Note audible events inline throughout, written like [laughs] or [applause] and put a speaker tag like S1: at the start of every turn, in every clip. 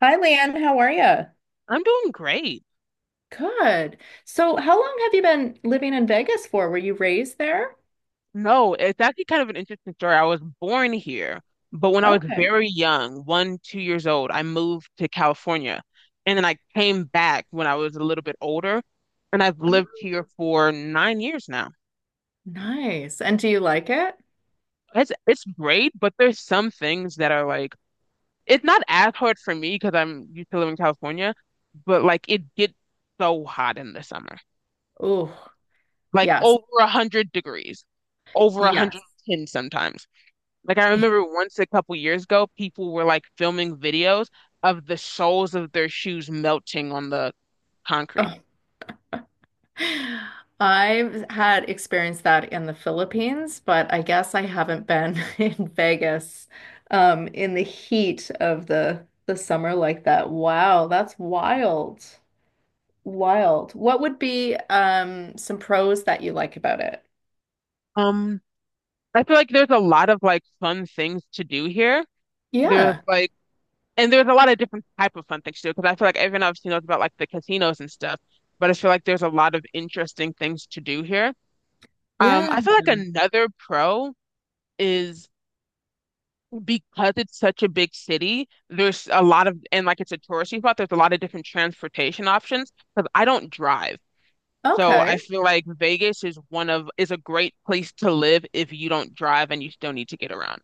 S1: Hi, Lan. How are you?
S2: I'm doing great.
S1: Good. So, how long have you been living in Vegas for? Were you raised there?
S2: No, it's actually kind of an interesting story. I was born here, but when I was
S1: Okay.
S2: very young, one, 2 years old, I moved to California. And then I came back when I was a little bit older, and I've lived
S1: Oh.
S2: here for 9 years now.
S1: Nice. And do you like it?
S2: It's great, but there's some things that are like it's not as hard for me because I'm used to living in California, but like it gets so hot in the summer.
S1: Oh,
S2: Like
S1: yes.
S2: over 100 degrees, over a hundred
S1: Yes.
S2: and ten sometimes. Like I remember once a couple years ago, people were like filming videos of the soles of their shoes melting on the concrete.
S1: Oh. I've had experienced that in the Philippines, but I guess I haven't been [laughs] in Vegas in the heat of the summer like that. Wow, that's wild. Wild. What would be some pros that you like about it?
S2: Um, I feel like there's a lot of like fun things to do here. There's
S1: Yeah.
S2: like, and there's a lot of different type of fun things to do because I feel like everyone obviously knows about like the casinos and stuff, but I feel like there's a lot of interesting things to do here.
S1: Yeah.
S2: I feel like another pro is because it's such a big city, there's a lot of, and like it's a touristy spot, there's a lot of different transportation options because I don't drive. So I
S1: Okay.
S2: feel like Vegas is a great place to live if you don't drive and you still need to get around.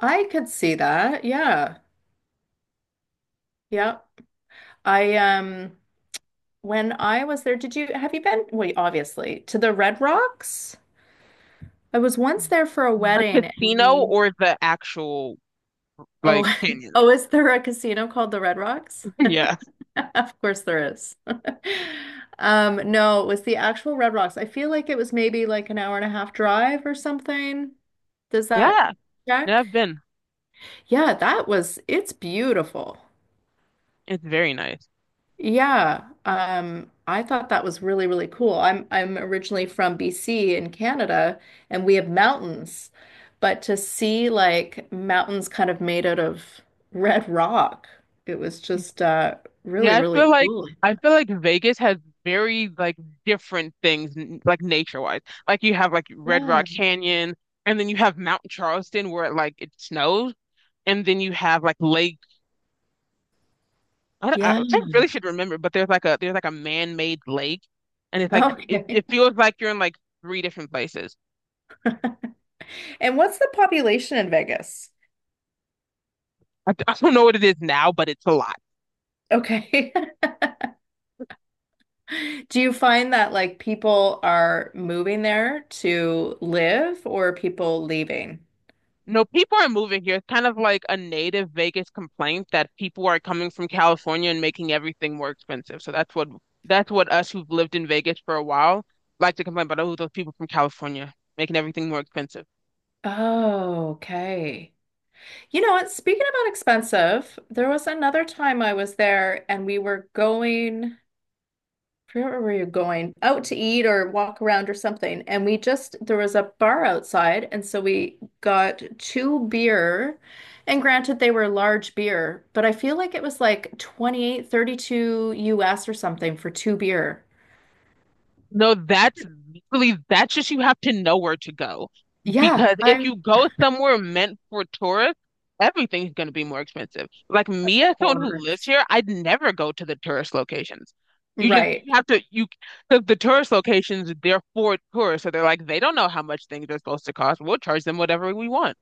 S1: I could see that. Yeah. Yeah. I When I was there, did you have you been? Well, obviously, to the Red Rocks? I was once there for a
S2: The
S1: wedding and
S2: casino
S1: we.
S2: or the actual
S1: Oh,
S2: like
S1: [laughs]
S2: canyon?
S1: oh, is there a casino called the Red Rocks?
S2: [laughs] Yeah.
S1: [laughs] Of course there is. [laughs] No, it was the actual Red Rocks. I feel like it was maybe like an hour and a half drive or something. Does that
S2: Yeah. Yeah,
S1: check?
S2: I've been.
S1: Yeah, it's beautiful.
S2: It's very nice.
S1: Yeah, I thought that was really, really cool. I'm originally from BC in Canada, and we have mountains, but to see like mountains kind of made out of red rock, it was just really,
S2: Yeah, I feel
S1: really
S2: like
S1: cool.
S2: I feel like Vegas has very like different things like nature-wise. Like you have like Red Rock
S1: Yeah,
S2: Canyon and then you have Mount Charleston where like it snows, and then you have like Lake— I, don't-
S1: yeah.
S2: I really should remember, but there's like a man-made lake, and it's like it,
S1: Okay.
S2: it
S1: [laughs]
S2: feels like you're in like three different places.
S1: And what's the population in Vegas?
S2: [laughs] I don't know what it is now, but it's a lot.
S1: Okay. [laughs] Do you find that like people are moving there to live or people leaving?
S2: No, people are moving here. It's kind of like a native Vegas complaint that people are coming from California and making everything more expensive. So that's what us who've lived in Vegas for a while like to complain about. Oh, those people from California making everything more expensive.
S1: Oh, okay. You know what? Speaking about expensive, there was another time I was there and we were going, I forget where we were going, out to eat or walk around or something. And there was a bar outside. And so we got two beer. And granted, they were large beer, but I feel like it was like 28, 30 US or something for two beer.
S2: No, that's just— you have to know where to go.
S1: Yeah,
S2: Because if
S1: I'm
S2: you go somewhere meant for tourists, everything's going to be more expensive. Like
S1: of
S2: me, as someone who lives
S1: course.
S2: here, I'd never go to the tourist locations. You just
S1: Right.
S2: you have to you because the tourist locations, they're for tourists, so they're like they don't know how much things are supposed to cost. We'll charge them whatever we want.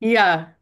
S1: Yeah.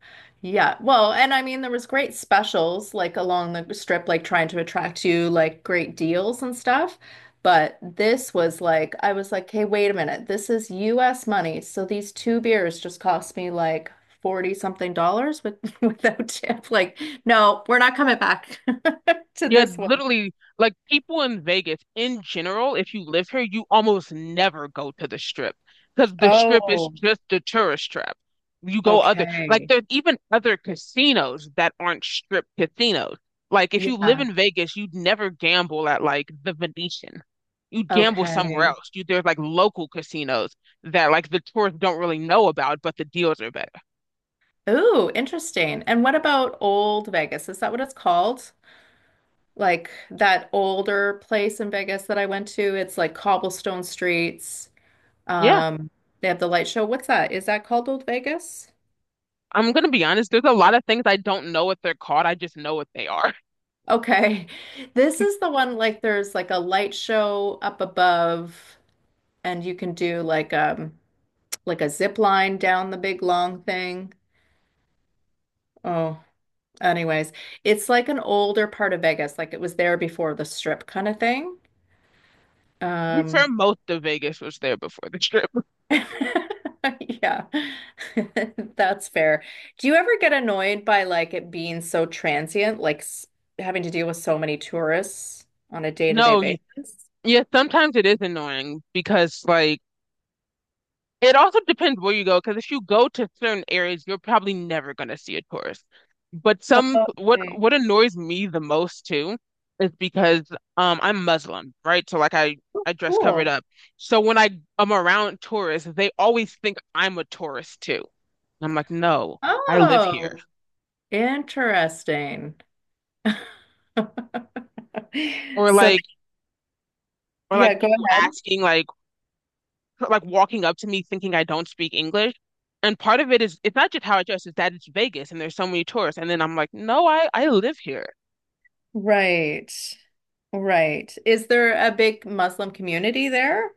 S1: Yeah. Well, and I mean, there was great specials like along the strip, like trying to attract you like great deals and stuff. But this was like, I was like, hey, wait a minute. This is US money. So these two beers just cost me like 40 something dollars with [laughs] without tip. Like, no, we're not coming back [laughs] to
S2: Yeah,
S1: this one.
S2: literally, like people in Vegas in general, if you live here, you almost never go to the strip because the strip is
S1: Oh,
S2: just the tourist trap. You go other, like,
S1: okay.
S2: there's even other casinos that aren't strip casinos. Like, if you live
S1: Yeah.
S2: in Vegas, you'd never gamble at like the Venetian. You'd gamble somewhere
S1: Okay.
S2: else. You there's like local casinos that like the tourists don't really know about, but the deals are better.
S1: Ooh, interesting. And what about Old Vegas? Is that what it's called? Like that older place in Vegas that I went to. It's like cobblestone streets.
S2: Yeah,
S1: Um, they have the light show. What's that? Is that called Old Vegas?
S2: I'm gonna be honest. There's a lot of things I don't know what they're called. I just know what they are.
S1: Okay. [laughs] This is the one, like there's like a light show up above, and you can do like a zip line down the big long thing. Oh, anyways, it's like an older part of Vegas, like it was there before the strip kind of thing.
S2: I'm sure
S1: Um
S2: most of Vegas was there before the trip.
S1: [laughs] Yeah, [laughs] that's fair. Do you ever get annoyed by like it being so transient, like s having to deal with so many tourists on a day-to-day
S2: No,
S1: basis?
S2: yeah, sometimes it is annoying because like it also depends where you go. Because if you go to certain areas, you're probably never gonna see a tourist. But some
S1: Okay.
S2: what annoys me the most too is because I'm Muslim, right? So like I
S1: Oh,
S2: I dress covered
S1: cool.
S2: up. So when I am around tourists, they always think I'm a tourist too. And I'm like, no, I live here.
S1: Oh, interesting. [laughs]
S2: Or
S1: So,
S2: like or
S1: yeah,
S2: like
S1: go
S2: people
S1: ahead.
S2: asking, like walking up to me thinking I don't speak English. And part of it is it's not just how I dress, it's that it's Vegas and there's so many tourists. And then I'm like, no, I live here.
S1: Right, right. Is there a big Muslim community there?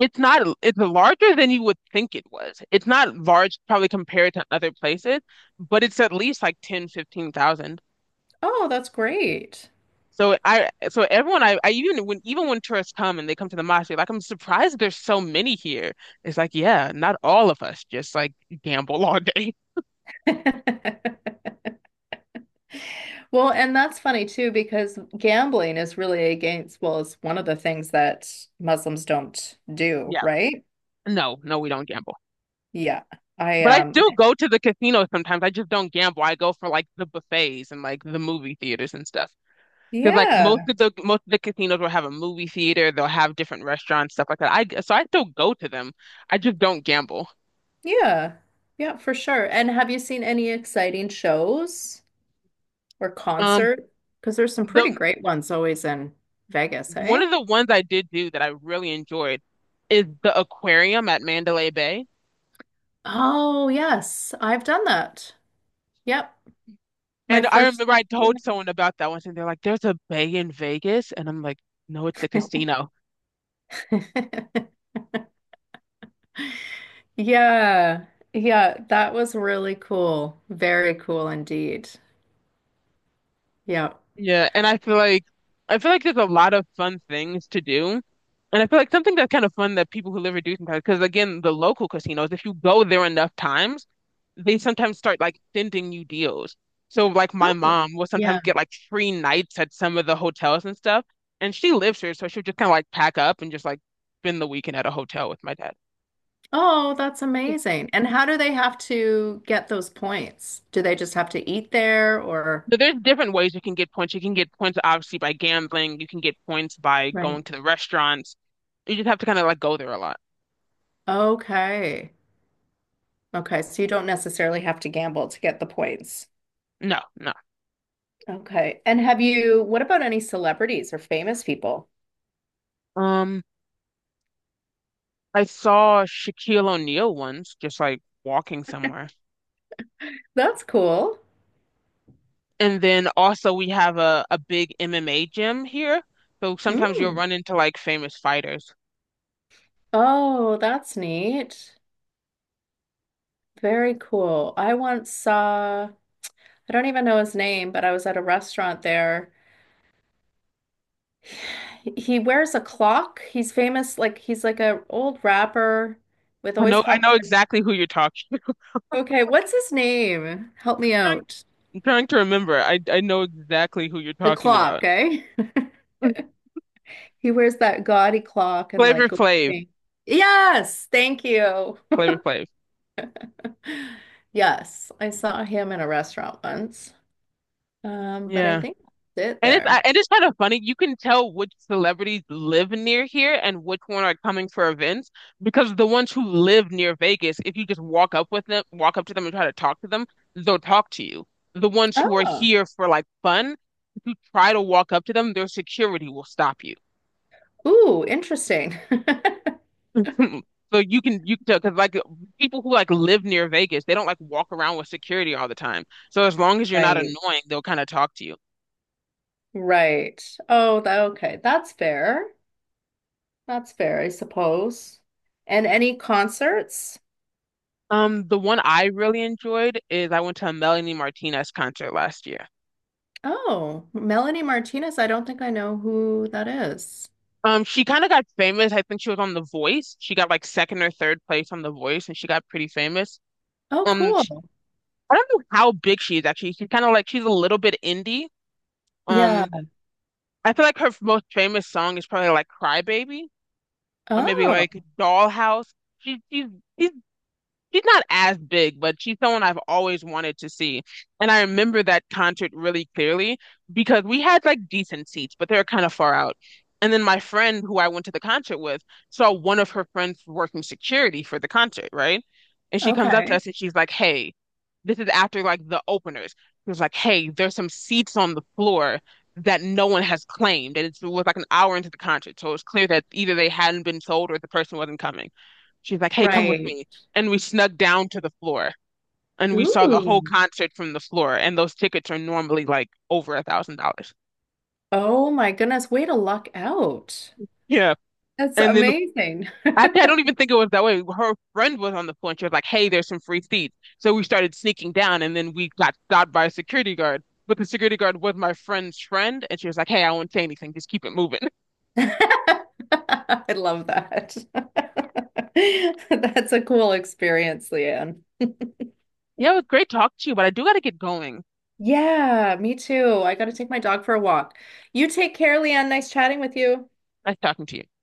S2: It's not It's larger than you would think it was. It's not large probably compared to other places, but it's at least like 10 15,000.
S1: Oh, that's great.
S2: So everyone— I even when tourists come and they come to the mosque, they're like, I'm surprised there's so many here. It's like, yeah, not all of us just like gamble all day. [laughs]
S1: [laughs] Well, and that's funny too, because gambling is really against, well, it's one of the things that Muslims don't do,
S2: Yeah.
S1: right?
S2: No, no, we don't gamble.
S1: Yeah. I,
S2: But I
S1: um,
S2: still go to the casino sometimes. I just don't gamble. I go for like the buffets and like the movie theaters and stuff. Because like most
S1: yeah,
S2: of the most of the casinos will have a movie theater. They'll have different restaurants, stuff like that. I still go to them. I just don't gamble.
S1: yeah, yeah, for sure. And have you seen any exciting shows or
S2: Um,
S1: concert? Because there's some pretty
S2: the
S1: great ones always in Vegas,
S2: one
S1: hey?
S2: of the ones I did do that I really enjoyed is the aquarium at Mandalay Bay.
S1: Oh, yes, I've done that. Yep. My
S2: And I
S1: first.
S2: remember I
S1: Yeah.
S2: told someone about that once, and they're like, "There's a bay in Vegas," and I'm like, "No, it's a casino."
S1: [laughs] Yeah, yeah, that was really cool. Very cool indeed. Yeah.
S2: Yeah, and I feel like there's a lot of fun things to do. And I feel like something that's kind of fun that people who live here do sometimes, because again, the local casinos, if you go there enough times, they sometimes start like sending you deals. So like my
S1: Oh,
S2: mom will sometimes
S1: yeah.
S2: get like free nights at some of the hotels and stuff. And she lives here, so she'll just kind of like pack up and just like spend the weekend at a hotel with my dad.
S1: Oh, that's amazing. And how do they have to get those points? Do they just have to eat there or?
S2: So there's different ways you can get points. You can get points obviously by gambling. You can get points by
S1: Right.
S2: going to the restaurants. You just have to kind of like go there a lot.
S1: Okay. Okay. So you don't necessarily have to gamble to get the points.
S2: No, no.
S1: Okay. And what about any celebrities or famous people?
S2: Um, I saw Shaquille O'Neal once, just like walking somewhere.
S1: That's cool.
S2: And then also we have a big MMA gym here. So sometimes you'll
S1: Mm.
S2: run into like famous fighters.
S1: Oh, that's neat. Very cool. I once saw, I don't even know his name, but I was at a restaurant there. He wears a clock. He's famous, like he's like a old rapper with
S2: I
S1: always
S2: know I
S1: hot
S2: know
S1: women.
S2: exactly who you're talking. [laughs]
S1: Okay, what's his name? Help me
S2: Trying,
S1: out.
S2: I'm trying to remember. I know exactly who you're
S1: The
S2: talking
S1: clock,
S2: about.
S1: eh?
S2: [laughs]
S1: He wears that gaudy clock and like
S2: Flavor
S1: gold
S2: Flav.
S1: chain. Yes, thank you.
S2: Flavor Flav.
S1: [laughs] Yes, I saw him in a restaurant once. But I
S2: Yeah.
S1: think that's it
S2: And it's I-
S1: there.
S2: and it's kind of funny. You can tell which celebrities live near here and which one are coming for events because the ones who live near Vegas, if you just walk up to them and try to talk to them, they'll talk to you. The ones who are
S1: Oh,
S2: here for like fun, if you try to walk up to them, their security will stop you.
S1: ooh, interesting. [laughs]
S2: [laughs] So you can tell because like people who like live near Vegas, they don't like walk around with security all the time. So as long as you're not
S1: Right,
S2: annoying, they'll kind of talk to you.
S1: right. Oh, okay, that's fair. That's fair, I suppose. And any concerts?
S2: The one I really enjoyed is I went to a Melanie Martinez concert last year.
S1: Oh, Melanie Martinez. I don't think I know who that is.
S2: She kind of got famous. I think she was on The Voice. She got like second or third place on The Voice, and she got pretty famous.
S1: Oh,
S2: Um, sh-
S1: cool.
S2: I don't know how big she is actually. She's kind of like she's a little bit indie.
S1: Yeah.
S2: Um, I feel like her most famous song is probably like Cry Baby or maybe
S1: Oh,
S2: like Dollhouse. She she's she's she's not as big, but she's someone I've always wanted to see. And I remember that concert really clearly because we had like decent seats, but they were kind of far out. And then my friend who I went to the concert with saw one of her friends working security for the concert, right? And she comes up to
S1: okay.
S2: us and she's like, "Hey," this is after like the openers. She was like, "Hey, there's some seats on the floor that no one has claimed." And it was like an hour into the concert. So it's clear that either they hadn't been sold or the person wasn't coming. She's like, "Hey, come with
S1: Right.
S2: me," and we snuck down to the floor and we saw the whole
S1: Ooh.
S2: concert from the floor. And those tickets are normally like over $1,000.
S1: Oh my goodness. Way to luck out.
S2: Yeah.
S1: That's
S2: And then
S1: amazing.
S2: actually, I don't even think it was that way. Her friend was on the floor and she was like, "Hey, there's some free seats." So we started sneaking down and then we got stopped by a security guard. But the security guard was my friend's friend and she was like, "Hey, I won't say anything. Just keep it moving." [laughs]
S1: [laughs] I love that. [laughs] That's a cool experience, Leanne.
S2: Yeah, it was great talking to you, but I do got to get going.
S1: Yeah, me too. I got to take my dog for a walk. You take care, Leanne. Nice chatting with you.
S2: Nice talking to you.